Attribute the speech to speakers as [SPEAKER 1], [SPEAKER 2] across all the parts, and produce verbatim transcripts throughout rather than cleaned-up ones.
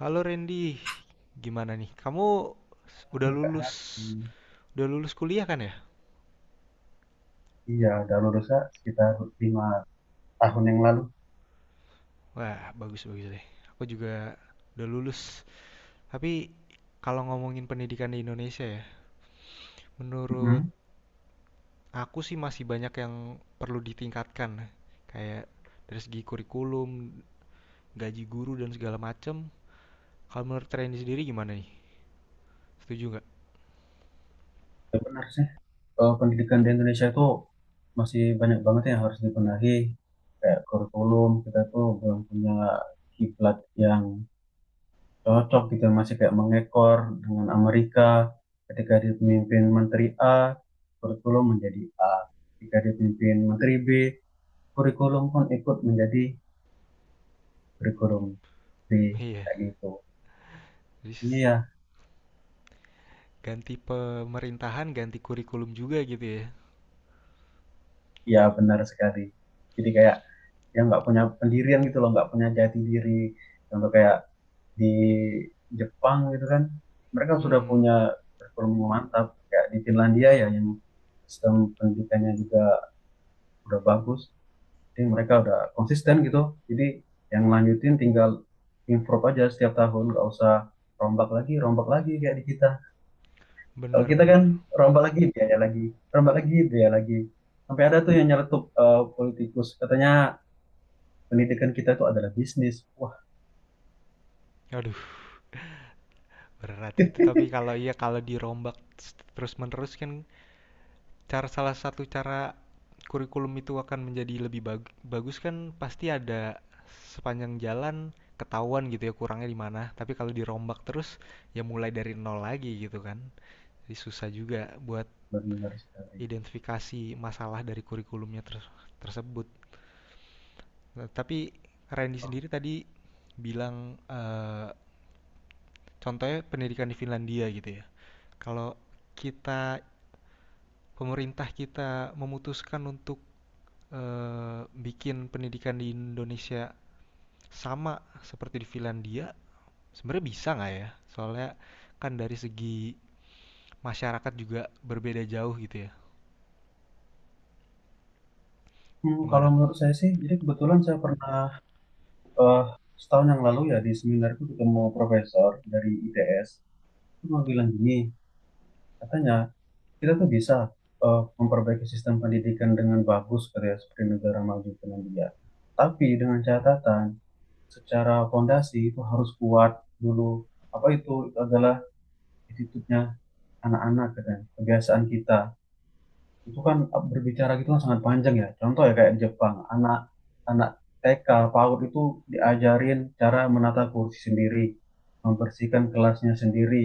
[SPEAKER 1] Halo Randy, gimana nih? Kamu udah lulus,
[SPEAKER 2] P H I.
[SPEAKER 1] udah lulus kuliah kan ya?
[SPEAKER 2] Iya, udah lulusnya sekitar lima tahun yang lalu.
[SPEAKER 1] Wah, bagus-bagus deh. Aku juga udah lulus. Tapi kalau ngomongin pendidikan di Indonesia ya, menurut
[SPEAKER 2] Mm-mm.
[SPEAKER 1] aku sih masih banyak yang perlu ditingkatkan. Kayak dari segi kurikulum, gaji guru dan segala macem. Kalau menurut Randy sendiri gimana nih? Setuju nggak?
[SPEAKER 2] Ya benar sih. Eh, pendidikan di Indonesia itu masih banyak banget yang harus dibenahi. Kayak kurikulum kita tuh belum punya kiblat yang cocok gitu, masih kayak mengekor dengan Amerika. Ketika dipimpin Menteri A, kurikulum menjadi A. Ketika dipimpin Menteri B, kurikulum pun ikut menjadi kurikulum B,
[SPEAKER 1] Iya,
[SPEAKER 2] kayak gitu.
[SPEAKER 1] jadi s-
[SPEAKER 2] Iya,
[SPEAKER 1] ganti pemerintahan, ganti kurikulum juga gitu ya.
[SPEAKER 2] Iya benar sekali. Jadi kayak yang nggak punya pendirian gitu loh, nggak punya jati diri. Contoh kayak di Jepang gitu kan, mereka sudah
[SPEAKER 1] Mm-mm,
[SPEAKER 2] punya kurikulum yang mantap. Kayak di Finlandia ya, yang sistem pendidikannya juga udah bagus. Jadi mereka udah konsisten gitu. Jadi yang lanjutin tinggal improve aja setiap tahun, nggak usah rombak lagi, rombak lagi kayak di kita. Kalau kita
[SPEAKER 1] Bener-bener.
[SPEAKER 2] kan rombak lagi, biaya lagi, rombak lagi, biaya lagi. Sampai ada tuh yang nyeletuk, eh, politikus, katanya pendidikan kita itu adalah bisnis. Wah,
[SPEAKER 1] Aduh, berat itu. Tapi kalau iya kalau dirombak terus-menerus kan cara salah satu cara kurikulum itu akan menjadi lebih bag- bagus kan pasti ada sepanjang jalan ketahuan gitu ya kurangnya di mana. Tapi kalau dirombak terus ya mulai dari nol lagi gitu kan. Jadi susah juga buat
[SPEAKER 2] benar sekali.
[SPEAKER 1] identifikasi masalah dari kurikulumnya ter- tersebut. Nah, tapi Randy
[SPEAKER 2] Oh.
[SPEAKER 1] sendiri tadi bilang eh, contohnya pendidikan di Finlandia gitu ya. Kalau kita pemerintah kita memutuskan untuk eh, bikin pendidikan di Indonesia sama seperti di Finlandia, sebenarnya bisa nggak ya? Soalnya kan dari segi masyarakat juga berbeda jauh gitu ya.
[SPEAKER 2] Hmm, kalau
[SPEAKER 1] Gimana?
[SPEAKER 2] menurut saya sih, jadi kebetulan saya pernah, eh, setahun yang lalu ya di seminar itu ketemu profesor dari I T S. Itu mau bilang gini, katanya kita tuh bisa eh, memperbaiki sistem pendidikan dengan bagus kayak seperti negara maju Finlandia. Tapi dengan catatan, secara fondasi itu harus kuat dulu. Apa itu? Itu adalah attitude-nya anak-anak katanya. Kebiasaan kita itu kan, eh, berbicara gitu kan sangat panjang ya. Contoh ya kayak di Jepang, anak anak T K PAUD itu diajarin cara menata kursi sendiri, membersihkan kelasnya sendiri,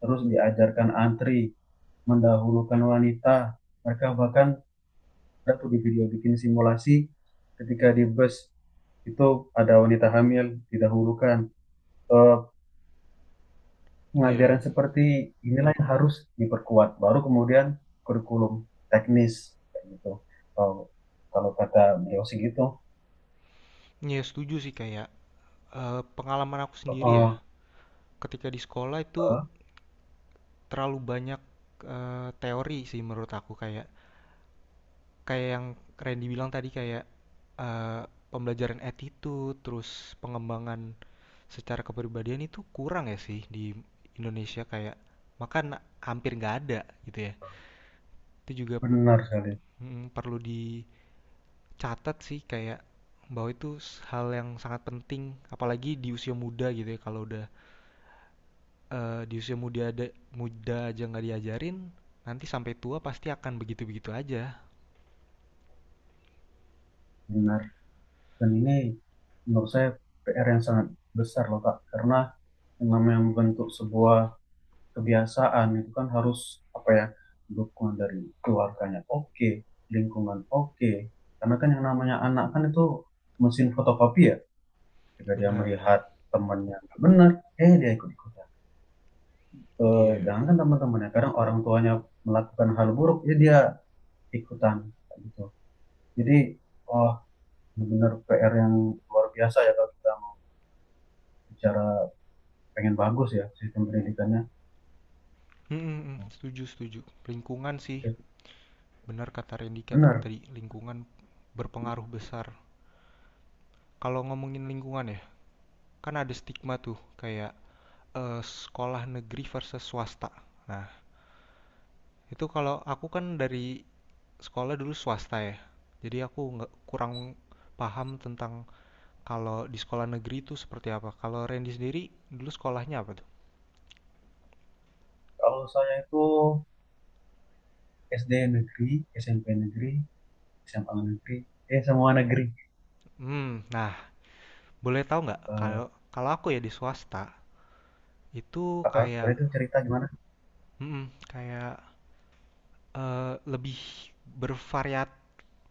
[SPEAKER 2] terus diajarkan antri, mendahulukan wanita. Mereka bahkan ada tuh di video bikin simulasi, ketika di bus itu ada wanita hamil didahulukan. Eh,
[SPEAKER 1] Iya,
[SPEAKER 2] Pengajaran seperti inilah yang harus diperkuat. Baru kemudian kurikulum teknis kayak gitu. Kalau kalau kata beliau sih gitu.
[SPEAKER 1] iya setuju sih kayak eh, pengalaman aku sendiri ya.
[SPEAKER 2] Oh,
[SPEAKER 1] Ketika di sekolah itu
[SPEAKER 2] eh,
[SPEAKER 1] terlalu banyak eh, teori sih menurut aku kayak kayak yang Randy bilang tadi kayak eee, pembelajaran attitude, terus pengembangan secara kepribadian itu kurang ya sih di Indonesia kayak makan hampir nggak ada gitu ya. Itu juga
[SPEAKER 2] benar sekali,
[SPEAKER 1] mhm, perlu dicatat sih kayak bahwa itu hal yang sangat penting apalagi di usia muda gitu ya kalau udah, eee, di usia muda ada muda aja nggak diajarin nanti sampai tua pasti akan begitu-begitu aja.
[SPEAKER 2] benar. Dan ini menurut saya P R yang sangat besar loh Kak, karena yang namanya membentuk sebuah kebiasaan itu kan harus, apa ya, dukungan dari keluarganya oke, lingkungan oke. Karena kan yang namanya anak kan itu mesin fotokopi ya. Ketika dia
[SPEAKER 1] Bener,
[SPEAKER 2] melihat temannya nggak benar, eh dia ikut ikutan. Eh
[SPEAKER 1] iya.
[SPEAKER 2] jangan kan teman-temannya, kadang orang tuanya melakukan hal buruk ya dia ikutan gitu. Jadi oh, benar, P R yang luar biasa ya kalau kita mau bicara pengen bagus ya sistem pendidikannya.
[SPEAKER 1] Mhm, mhm, setuju, setuju. Lingkungan sih. Benar kata Randy kat-
[SPEAKER 2] Benar.
[SPEAKER 1] tadi lingkungan berpengaruh besar. Kalau ngomongin lingkungan ya, kan ada stigma tuh kayak eh, sekolah negeri versus swasta. Nah, itu kalau aku kan dari sekolah dulu swasta ya. Jadi aku nggak kurang paham tentang kalau di sekolah negeri itu seperti apa. Kalau Randy sendiri dulu sekolahnya apa tuh?
[SPEAKER 2] Kalau saya itu S D negeri, S M P negeri, S M A negeri, eh semua negeri.
[SPEAKER 1] Hmm, nah boleh tahu nggak kalau
[SPEAKER 2] eh
[SPEAKER 1] kalau aku ya di swasta itu kayak
[SPEAKER 2] Boleh tuh cerita gimana.
[SPEAKER 1] mm, kayak eh, lebih bervariatif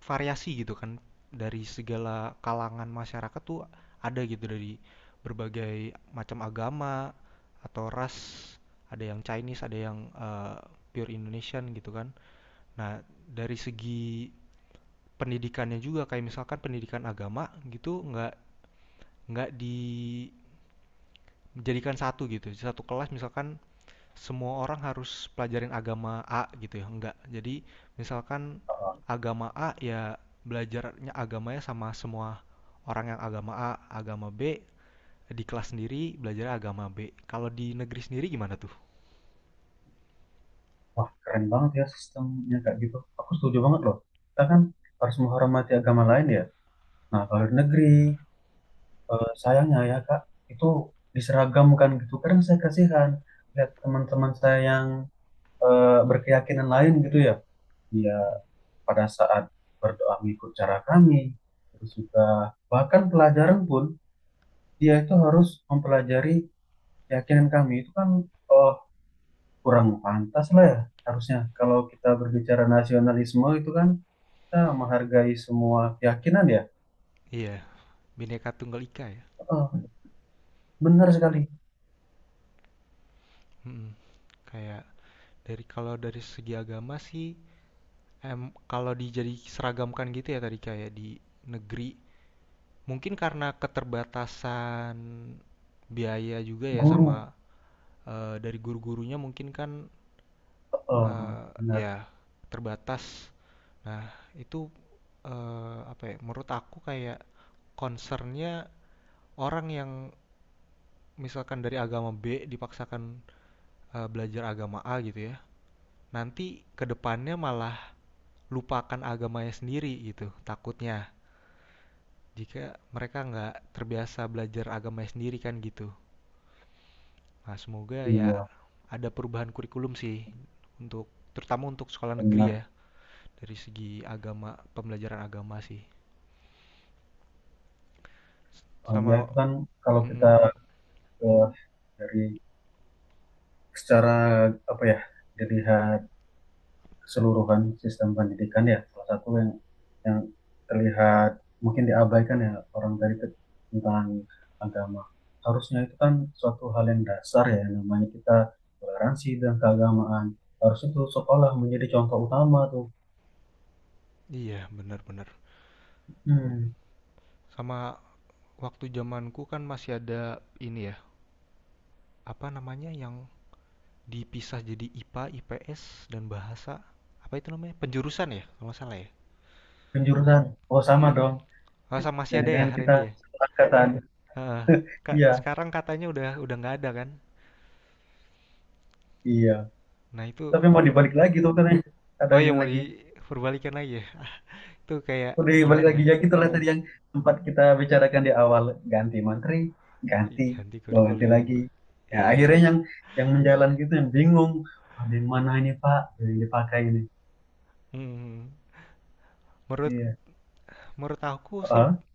[SPEAKER 1] variasi gitu kan dari segala kalangan masyarakat tuh ada gitu dari berbagai macam agama atau ras ada yang Chinese ada yang eh, pure Indonesian gitu kan. Nah, dari segi pendidikannya juga kayak misalkan pendidikan agama gitu nggak nggak dijadikan satu gitu, satu kelas misalkan semua orang harus pelajarin agama A gitu ya, enggak. Jadi misalkan
[SPEAKER 2] Eh,
[SPEAKER 1] agama A ya belajarnya agamanya sama semua orang yang agama A, agama B, di kelas sendiri belajar agama B. Kalau di negeri sendiri gimana tuh?
[SPEAKER 2] Wah, keren banget ya sistemnya kayak gitu. Aku setuju banget loh. Kita kan harus menghormati agama lain ya. Nah, kalau di negeri,
[SPEAKER 1] Benar.
[SPEAKER 2] eh, sayangnya ya Kak, itu diseragamkan gitu. Kadang saya kasihan lihat teman-teman saya yang eh, berkeyakinan lain gitu ya. Dia
[SPEAKER 1] Mm.
[SPEAKER 2] pada saat berdoa mengikut cara kami, terus juga bahkan pelajaran pun dia itu harus mempelajari keyakinan kami. Itu kan eh, kurang pantas lah ya. Harusnya kalau kita berbicara nasionalisme itu kan kita menghargai semua keyakinan ya.
[SPEAKER 1] Iya, Bhinneka Tunggal Ika ya.
[SPEAKER 2] Heeh, benar sekali.
[SPEAKER 1] Mm. Kayak dari kalau dari segi agama sih em kalau dijadi seragamkan gitu ya tadi kayak di negeri mungkin karena keterbatasan biaya juga ya sama
[SPEAKER 2] Guru.
[SPEAKER 1] eh, dari guru-gurunya mungkin kan
[SPEAKER 2] Heeh,
[SPEAKER 1] eh,
[SPEAKER 2] benar.
[SPEAKER 1] ya terbatas. Nah, itu eh, apa ya? Menurut aku kayak concernnya orang yang misalkan dari agama B dipaksakan eh, belajar agama A gitu ya. Nanti kedepannya malah lupakan agamanya sendiri gitu, takutnya. Jika mereka nggak terbiasa belajar agamanya sendiri kan gitu. Nah, semoga ya
[SPEAKER 2] Iya,
[SPEAKER 1] ada perubahan kurikulum sih untuk terutama untuk sekolah negeri ya.
[SPEAKER 2] benar.
[SPEAKER 1] Dari segi agama pembelajaran agama sih
[SPEAKER 2] Eh, ya
[SPEAKER 1] sama.
[SPEAKER 2] itu kan, kalau kita
[SPEAKER 1] Mm-mm.
[SPEAKER 2] eh, dari secara, apa ya, dilihat keseluruhan sistem pendidikan ya, salah satu yang yang terlihat mungkin diabaikan ya orang dari ke- tentang agama. Harusnya itu kan suatu hal yang dasar ya, yang namanya kita toleransi dan keagamaan. Harusnya itu sekolah menjadi contoh utama tuh.
[SPEAKER 1] Iya, benar-benar,
[SPEAKER 2] Hmm.
[SPEAKER 1] sama waktu zamanku kan masih ada ini ya, apa namanya yang dipisah jadi I P A, I P S dan bahasa, apa itu namanya penjurusan ya kalau nggak salah ya.
[SPEAKER 2] Penjurusan. Oh, sama
[SPEAKER 1] Hmm,
[SPEAKER 2] dong.
[SPEAKER 1] masa masih ada ya
[SPEAKER 2] Jangan-jangan kita
[SPEAKER 1] Randy ya.
[SPEAKER 2] satu angkatan.
[SPEAKER 1] Heeh. Ka-
[SPEAKER 2] Iya,
[SPEAKER 1] sekarang katanya udah udah nggak ada kan.
[SPEAKER 2] iya.
[SPEAKER 1] Nah, itu.
[SPEAKER 2] Tapi mau dibalik lagi tuh katanya, ada
[SPEAKER 1] Oh, yang
[SPEAKER 2] yang
[SPEAKER 1] mau
[SPEAKER 2] lagi
[SPEAKER 1] diperbalikan lagi ya. Itu kayak
[SPEAKER 2] udah balik
[SPEAKER 1] gimana
[SPEAKER 2] lagi
[SPEAKER 1] ya.
[SPEAKER 2] ya, gitu lah tadi yang sempat kita bicarakan di awal. Ganti menteri, ganti,
[SPEAKER 1] Ganti
[SPEAKER 2] bawa ganti
[SPEAKER 1] kurikulum.
[SPEAKER 2] lagi, ya
[SPEAKER 1] Iya.
[SPEAKER 2] akhirnya yang yang menjalan gitu yang bingung, ada yang mana ini Pak yang dipakai ini.
[SPEAKER 1] Hmm, hmm, hmm. menurut
[SPEAKER 2] Iya.
[SPEAKER 1] Menurut aku sih
[SPEAKER 2] Oh,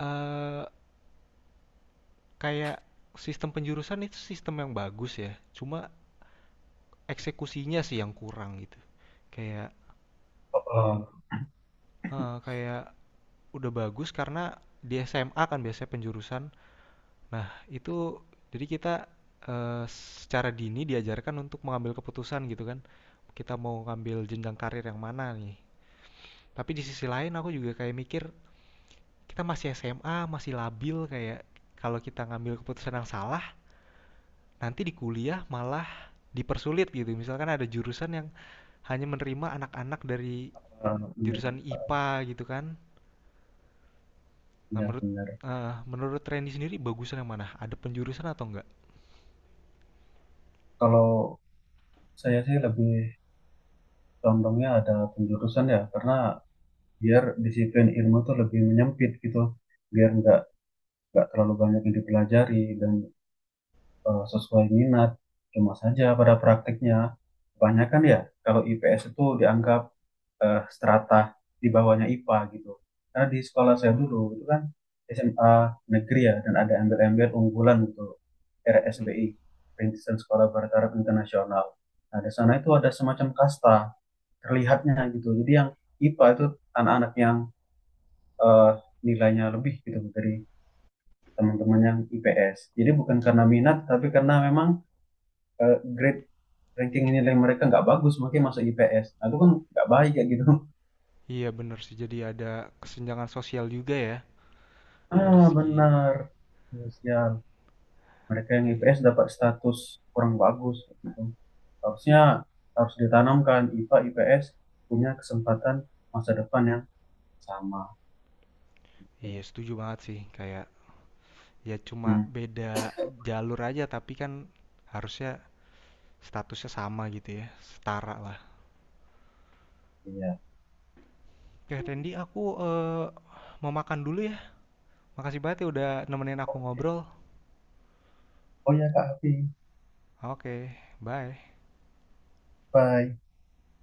[SPEAKER 1] Eee, kayak sistem penjurusan itu sistem yang bagus ya, cuma eksekusinya sih yang kurang gitu. Kayak
[SPEAKER 2] oh, oh,
[SPEAKER 1] heeh, kayak udah bagus karena di S M A kan biasanya penjurusan. Nah, itu jadi kita, eee, secara dini diajarkan untuk mengambil keputusan gitu kan. Kita mau ngambil jenjang karir yang mana nih. Tapi di sisi lain aku juga kayak mikir, kita masih S M A, masih labil, kayak kalau kita ngambil keputusan yang salah nanti di kuliah malah dipersulit gitu. Misalkan ada jurusan yang hanya menerima anak-anak dari
[SPEAKER 2] oh,
[SPEAKER 1] jurusan
[SPEAKER 2] bener.
[SPEAKER 1] I P A gitu kan. Nah,
[SPEAKER 2] Iya,
[SPEAKER 1] menurut
[SPEAKER 2] bener.
[SPEAKER 1] eh, menurut Randy sendiri bagusan yang mana? Ada penjurusan atau enggak?
[SPEAKER 2] Kalau saya sih lebih condongnya ada penjurusan ya, karena biar disiplin ilmu tuh lebih menyempit gitu, biar nggak nggak terlalu banyak yang dipelajari dan eh, sesuai minat. Cuma saja pada praktiknya kebanyakan ya kalau I P S itu dianggap, eh, strata di bawahnya I P A gitu, karena di sekolah saya
[SPEAKER 1] Oh.
[SPEAKER 2] dulu itu kan S M A negeri ya dan ada embel-embel unggulan gitu,
[SPEAKER 1] Mm.
[SPEAKER 2] R S B I, Perintisan Sekolah Barat Arab Internasional. Nah, di sana itu ada semacam kasta terlihatnya gitu. Jadi yang I P A itu anak-anak yang eh, nilainya lebih gitu dari teman-teman yang I P S. Jadi bukan karena minat, tapi karena memang eh, grade ranking nilai mereka nggak bagus, makanya masuk I P S. Nah, itu kan nggak baik kayak gitu.
[SPEAKER 1] Iya bener sih, jadi ada kesenjangan sosial juga ya dari
[SPEAKER 2] Ah,
[SPEAKER 1] segi
[SPEAKER 2] benar. Ya, Sial. Mereka yang
[SPEAKER 1] i-
[SPEAKER 2] I P S dapat status kurang bagus gitu. Harusnya harus ditanamkan I P A I P S punya kesempatan masa depan yang sama.
[SPEAKER 1] iya setuju banget sih kayak ya cuma
[SPEAKER 2] Hmm,
[SPEAKER 1] beda jalur aja tapi kan harusnya statusnya sama gitu ya setara lah.
[SPEAKER 2] iya.
[SPEAKER 1] Ya Randy, aku eh, mau makan dulu ya. Makasih banget ya udah nemenin aku ngobrol.
[SPEAKER 2] Oh ya Kak Hafi,
[SPEAKER 1] Oke, bye.
[SPEAKER 2] bye.